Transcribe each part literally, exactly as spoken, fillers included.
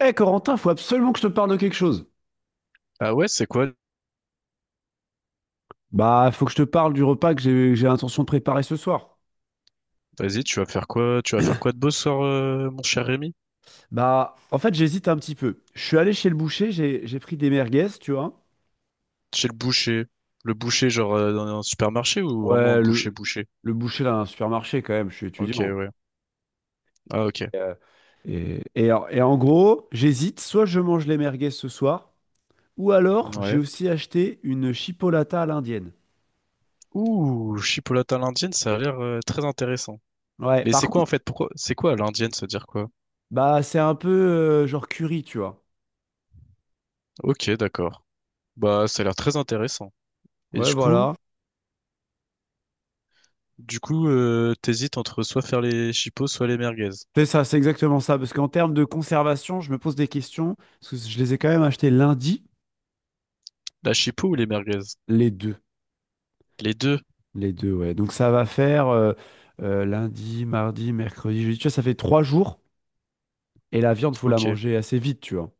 Eh Corentin, faut absolument que je te parle de quelque chose. Ah ouais, c'est quoi? Bah, faut que je te parle du repas que j'ai que j'ai l'intention de préparer ce soir. Vas-y, tu vas faire quoi? Tu vas faire quoi de beau ce soir, euh, mon cher Rémi? Bah, en fait, j'hésite un petit peu. Je suis allé chez le boucher, j'ai j'ai pris des merguez, tu vois. Chez le boucher. Le boucher, genre euh, dans un supermarché ou vraiment un Ouais, boucher le, boucher? le boucher d'un supermarché quand même, je suis Ok, étudiant. ouais. Ah ok. Euh, Et, et en et en gros, j'hésite, soit je mange les merguez ce soir, ou alors j'ai Ouais. aussi acheté une chipolata à l'indienne. Ouh, chipolata à l'indienne, ça a l'air euh, très intéressant. Ouais, Mais par c'est quoi contre, en fait? Pourquoi? C'est quoi à l'indienne, ça veut dire quoi? bah c'est un peu euh, genre curry, tu vois. Ok, d'accord. Bah, ça a l'air très intéressant. Et Ouais, du coup, voilà. du coup, euh, t'hésites entre soit faire les chipos soit les merguez. C'est ça, c'est exactement ça. Parce qu'en termes de conservation, je me pose des questions. Parce que je les ai quand même achetés lundi, La chipo ou les merguez? les deux. Les deux. Les deux, ouais. Donc ça va faire euh, euh, lundi, mardi, mercredi, jeudi. Tu vois, ça fait trois jours. Et la viande, faut la Ok. manger assez vite, tu vois.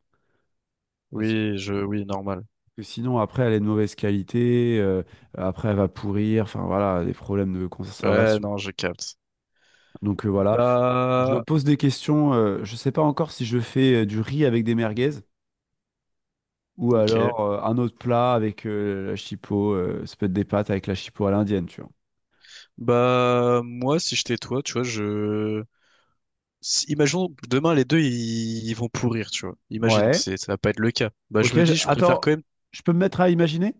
Parce que Oui, je, oui, normal. que sinon, après, elle est de mauvaise qualité. Euh, après, elle va pourrir. Enfin, voilà, des problèmes de Ouais, conservation. non, je capte. Donc euh, voilà. Je me Bah, pose des questions. Euh, je sais pas encore si je fais euh, du riz avec des merguez. Ou ok. alors euh, un autre plat avec euh, la chipot, euh, ça peut être des pâtes avec la chipot à l'indienne, tu vois. Bah, moi, si j'étais toi, tu vois, je... si- Imaginons que demain, les deux, ils, ils vont pourrir, tu vois. Imaginons, Ouais. c'est, ça va pas être le cas. Bah, Ok, je me je- dis, je préfère attends, quand même... je peux me mettre à imaginer?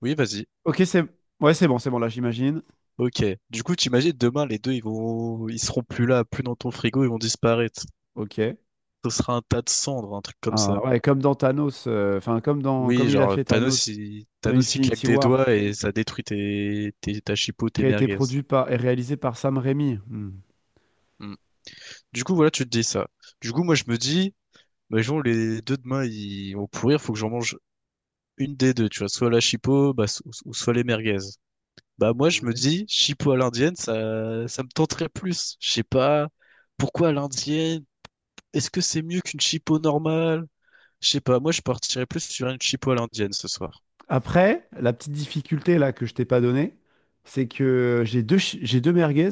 Oui, vas-y. Ok, c'est ouais, c'est bon, c'est bon, là j'imagine. Ok. Du coup, t'imagines, demain, les deux, ils vont... Ils seront plus là, plus dans ton frigo, ils vont disparaître. Ok. Ce sera un tas de cendres, un truc comme Ah, ça. ouais, comme dans Thanos, euh, enfin comme dans Oui, comme il a genre, fait Thanos, Thanos il, dans Thanos, il claque Infinity des War, doigts et ça détruit tes, tes, ta chipo, qui tes a été merguez. produit par et réalisé par Sam Raimi. Hmm. Hmm. Du coup, voilà, tu te dis ça. Du coup, moi, je me dis... Imaginons les deux demain ils vont pourrir, faut que j'en mange une des deux, tu vois, soit la chipo bah, so- so-, ou soit les merguez. Bah moi je me Ouais. dis chipo à l'indienne, ça ça me tenterait plus. Je sais pas pourquoi à l'indienne, est-ce que c'est mieux qu'une chipo normale? Je sais pas, moi je partirais plus sur une chipo à l'indienne ce soir. Après, la petite difficulté là que je t'ai pas donnée, c'est que j'ai deux chi- j'ai deux merguez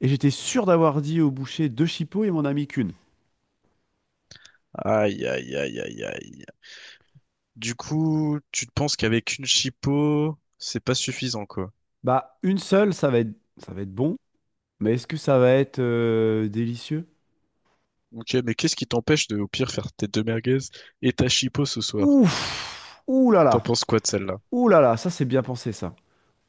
et j'étais sûr d'avoir dit au boucher deux chipots et mon ami qu'une. Aïe aïe aïe aïe aïe. Du coup, tu te penses qu'avec une chipot, c'est pas suffisant, quoi. Bah, une seule, ça va être, ça va être bon, mais est-ce que ça va être euh, délicieux? Ok, mais qu'est-ce qui t'empêche de, au pire, faire tes deux merguez et ta chipot ce soir? Ouf! Ouh là T'en là! penses quoi de celle-là? Ouh là là! Ça, c'est bien pensé, ça.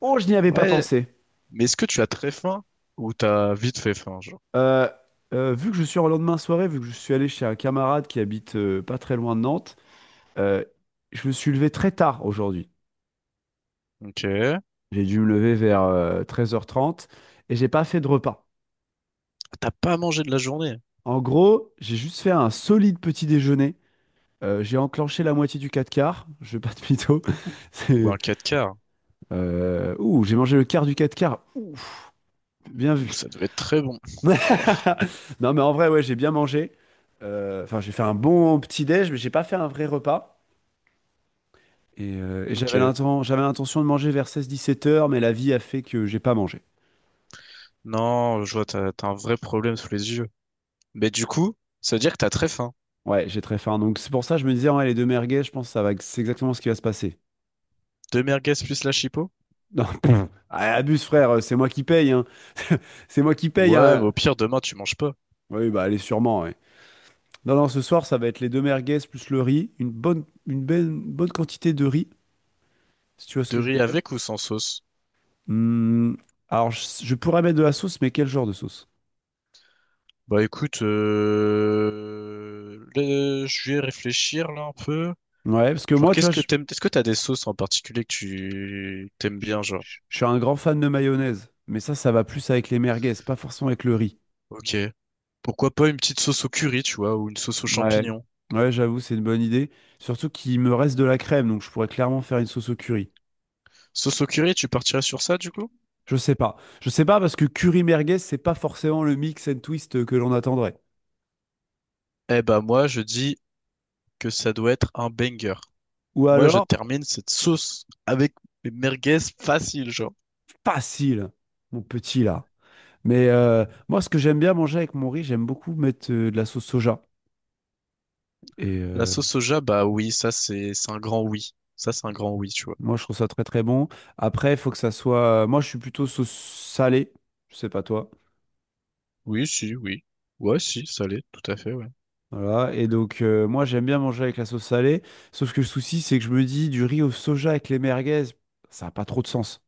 Oh, je n'y avais pas Ouais, pensé. mais est-ce que tu as très faim ou t'as vite fait faim, genre? Euh, euh, vu que je suis en lendemain de soirée, vu que je suis allé chez un camarade qui habite euh, pas très loin de Nantes, euh, je me suis levé très tard aujourd'hui. Ok. J'ai dû me lever vers euh, treize heures trente et j'ai pas fait de repas. T'as pas mangé de la journée? En gros, j'ai juste fait un solide petit déjeuner. Euh, j'ai enclenché la moitié du quatre quarts, je vais pas de mytho. Ouh. Ou un C'est- quatre quarts? Euh, ouh, j'ai mangé le quart du quatre quarts. Ouf, bien Ouh, vu. ça devait être très bon. Oh, Non, mais en vrai, ouais, j'ai bien mangé. Euh, Enfin, j'ai fait un bon petit déj, mais j'ai pas fait un vrai repas. Et, euh, et Ok. j'avais l'inten- j'avais l'intention de manger vers seize dix-sept heures, mais la vie a fait que j'ai pas mangé. Non, je vois, t'as, t'as un vrai problème sous les yeux. Mais du coup, ça veut dire que t'as très faim. Ouais, j'ai très faim. Donc c'est pour ça que je me disais, ouais, les deux merguez, je pense que ça va, c'est exactement ce qui va se passer. Deux merguez plus la chipot? Non, pff, ah, abuse frère, c'est moi qui paye, hein. C'est moi qui paye, Ouais, mais hein. au pire, demain, tu manges pas. Oui, bah allez, sûrement, ouais. Non, non, ce soir, ça va être les deux merguez plus le riz, une bonne, une belle- une bonne quantité de riz. Si tu vois ce De que je veux riz dire? avec ou sans sauce? Hmm, alors, je, je pourrais mettre de la sauce, mais quel genre de sauce? Bah écoute, euh, le- je vais réfléchir là un peu. Ouais, parce que Genre, moi, tu qu'est-ce vois, que je, t'aimes? Est-ce que t'as des sauces en particulier que tu t'aimes je- bien, genre? je- je suis un grand fan de mayonnaise, mais ça, ça va plus avec les merguez, pas forcément avec le riz. Ok. Pourquoi pas une petite sauce au curry, tu vois, ou une sauce aux Ouais, champignons? ouais, j'avoue, c'est une bonne idée. Surtout qu'il me reste de la crème, donc je pourrais clairement faire une sauce au curry. Sauce au curry, tu partirais sur ça, du coup? Je sais pas. Je sais pas parce que curry merguez, c'est pas forcément le mix and twist que l'on attendrait. Eh bah moi, je dis que ça doit être un banger. Ou Moi, je alors, termine cette sauce avec mes merguez facile, genre. facile, mon petit là. Mais euh, moi, ce que j'aime bien manger avec mon riz, j'aime beaucoup mettre euh, de la sauce soja. Et La euh, sauce soja, bah oui, ça c'est c'est un grand oui. Ça c'est un grand oui, tu vois. Moi, je trouve ça très très bon. Après, il faut que ça soit. euh, Moi, je suis plutôt sauce salée. Je sais pas toi. Oui, si, oui. Ouais, si, ça l'est, tout à fait, ouais. Voilà. Et donc, euh, moi, j'aime bien manger avec la sauce salée. Sauf que le souci, c'est que je me dis du riz au soja avec les merguez, ça n'a pas trop de sens.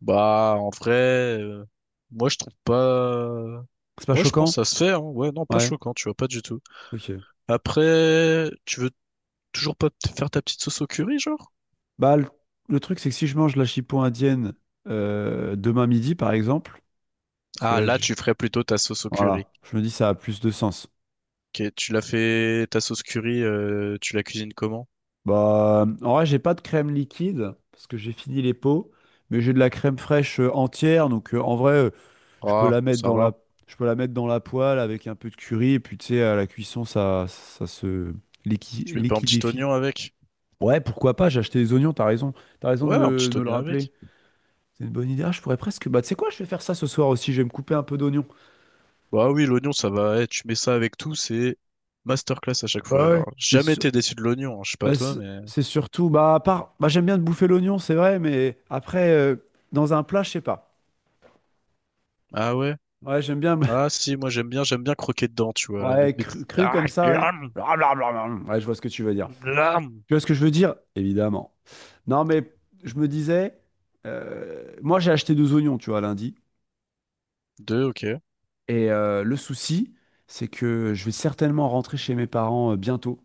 Bah, en vrai, euh, moi je trouve pas. C'est pas Moi je pense choquant? que ça se fait, hein. Ouais, non, pas Ouais. choquant, tu vois, pas du tout. Ok. Après, tu veux toujours pas te faire ta petite sauce au curry, genre? Bah, le, le truc, c'est que si je mange la chipot indienne euh, demain midi, par exemple, parce que Ah, là, là, j'ai- tu ferais plutôt ta sauce au curry. voilà, je me dis ça a plus de sens. Ok, tu l'as fait, ta sauce curry, euh, tu la cuisines comment? Bah, en vrai, j'ai pas de crème liquide parce que j'ai fini les pots, mais j'ai de la crème fraîche euh, entière. Donc, euh, en vrai. euh, Je peux Ah, la mettre ça dans la, va. je peux la mettre dans la poêle avec un peu de curry, et puis tu sais, à la cuisson, ça, ça se liqui- Tu mets pas un petit liquidifie. oignon avec? Ouais, pourquoi pas, j'ai acheté des oignons, t'as raison. T'as raison de Ouais, un me, de petit me le oignon avec. rappeler. C'est une bonne idée. Ah, je pourrais presque. Bah, tu sais quoi, je vais faire ça ce soir aussi, je vais me couper un peu d'oignons. Bah oui, l'oignon, ça va. Eh, tu mets ça avec tout, c'est masterclass à chaque fois. Bah ouais. Alors, Et jamais su- été déçu de l'oignon, hein, je sais pas bah, toi, C'est mais. c'est surtout, bah, à part, bah, j'aime bien de bouffer l'oignon, c'est vrai, mais après, euh, dans un plat, je sais pas. Ah ouais? Ouais, j'aime bien. Ah si, moi j'aime bien, j'aime bien croquer dedans, tu vois, là, mettre ouais, mes cru, petites- Cru Ah, comme ça, ouais. glam, Blablabla. Ouais, je vois ce que tu veux dire. glam. Tu vois ce que je veux dire? Évidemment. Non, mais je me disais, euh, moi j'ai acheté deux oignons, tu vois, lundi. Deux, ok. Et euh, le souci, c'est que je vais certainement rentrer chez mes parents euh, bientôt.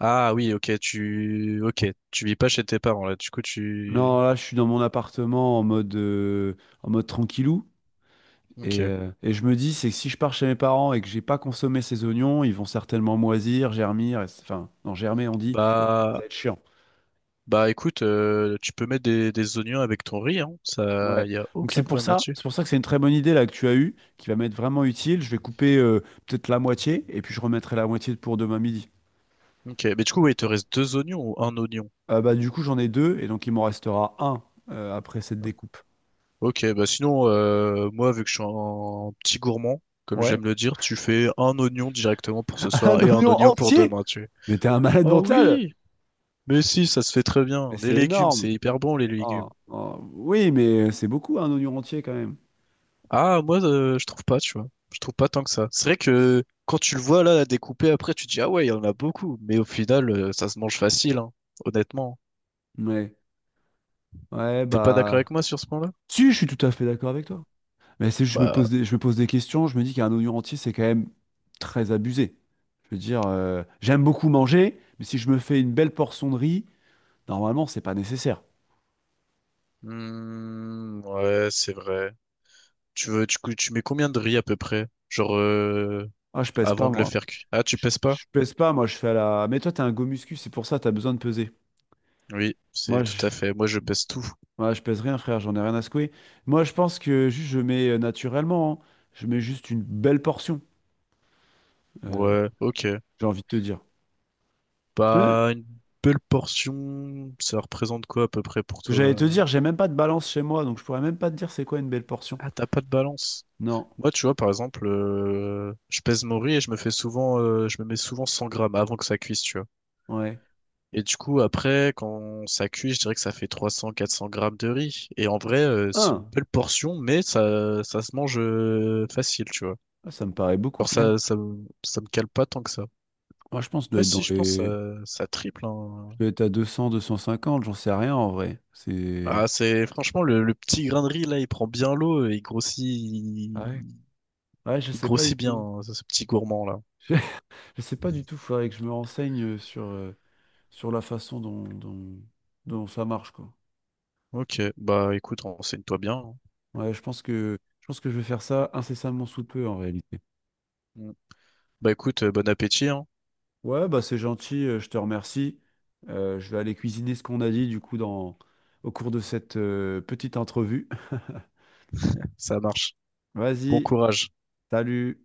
Ah oui, ok, tu, ok, tu vis pas chez tes parents là, du coup tu, Non, là, je suis dans mon appartement en mode, euh, en mode tranquillou. Et, ok. euh, et je me dis, c'est que si je pars chez mes parents et que j'ai pas consommé ces oignons, ils vont certainement moisir, germir, et c'est- enfin, non, germer, on dit, et Bah, ça va être chiant. bah écoute, euh, tu peux mettre des, des oignons avec ton riz, hein, ça, Ouais. y a Donc c'est aucun pour problème ça, là-dessus. c'est pour ça que c'est une très bonne idée là que tu as eue, qui va m'être vraiment utile. Je vais couper euh, peut-être la moitié, et puis je remettrai la moitié pour demain midi. Ok, mais du coup, ouais, il te reste deux oignons ou un oignon? Euh, bah, du coup, j'en ai deux, et donc il m'en restera un euh, après cette découpe. Ok, bah sinon, euh, moi, vu que je suis un petit gourmand, comme Ouais. j'aime le dire, tu fais un oignon directement pour ce Un soir et un oignon oignon pour entier! demain, tu. Mais t'es un malade Vois. Oh mental! oui! Mais si, ça se fait très bien. Mais Les c'est légumes, énorme! c'est hyper bon, les Oh, légumes. oh, Oui, mais c'est beaucoup un oignon entier quand même. Ah, moi, euh, je trouve pas, tu vois. Je trouve pas tant que ça. C'est vrai que quand tu le vois là, découpé après, tu te dis, ah ouais, il y en a beaucoup. Mais au final, euh, ça se mange facile, hein, honnêtement. Ouais. Ouais, T'es pas d'accord avec bah. moi sur ce point-là? Si, je suis tout à fait d'accord avec toi. Mais c'est juste, je me Bah, pose des, je me pose des questions, je me dis qu'un oignon entier, c'est quand même très abusé. Je veux dire, euh, j'aime beaucoup manger, mais si je me fais une belle portion de riz, normalement, c'est pas nécessaire. hmm, ouais, c'est vrai. Tu veux, tu, cou- tu mets combien de riz à peu près? Genre, euh, Ah, je pèse pas, avant de le moi. faire cuire. Ah, tu Je, pèses pas? je pèse pas, moi je fais à la. Mais toi t'as un go muscu, c'est pour ça t'as besoin de peser. Oui, c'est Moi je, tout à fait. Moi, je pèse tout. moi, je pèse rien frère, j'en ai rien à secouer. Moi je pense que juste je mets euh, naturellement, hein. Je mets juste une belle portion, euh, Ouais, ok. j'ai envie de te dire. J'ai même- Bah, une belle portion, ça représente quoi à peu près pour toi? J'allais te euh dire, j'ai même pas de balance chez moi, donc je pourrais même pas te dire c'est quoi une belle portion. Ah, t'as pas de balance. Non, Moi, tu vois, par exemple, euh, je pèse mon riz et je me fais souvent, euh, je me mets souvent cent grammes avant que ça cuise, tu vois. ouais. Et du coup, après, quand ça cuit, je dirais que ça fait trois cents, quatre cents grammes de riz. Et en vrai, euh, c'est une Un, belle portion, mais ça, ça se mange euh, facile, tu vois. Ah, ça me paraît beaucoup Alors quand même. ça, ça, me- ça me cale pas tant que ça. Moi je pense que je dois Ouais, être si, dans je pense les. que ça, ça triple, Je hein. dois être à deux deux cents deux cent cinquante j'en sais rien en vrai. C'est. Ah, c'est franchement le, le petit grain de riz là, il prend bien l'eau et il grossit, Ah il, ouais. Ouais, je il sais pas du grossit bien tout. hein, ce ce petit gourmand là. Je sais pas du tout, faudrait que je me renseigne euh, sur. euh, sur la façon dont, dont, dont ça marche, quoi. Ok, bah écoute, renseigne-toi bien. Hein. Ouais, je pense que, je pense que je vais faire ça incessamment sous peu, en réalité. Mm. Bah écoute, euh, bon appétit, hein. Ouais, bah c'est gentil, euh, je te remercie. Euh, je vais aller cuisiner ce qu'on a dit, du coup, dans, au cours de cette euh, petite entrevue. Ça marche. Bon Vas-y, courage. salut!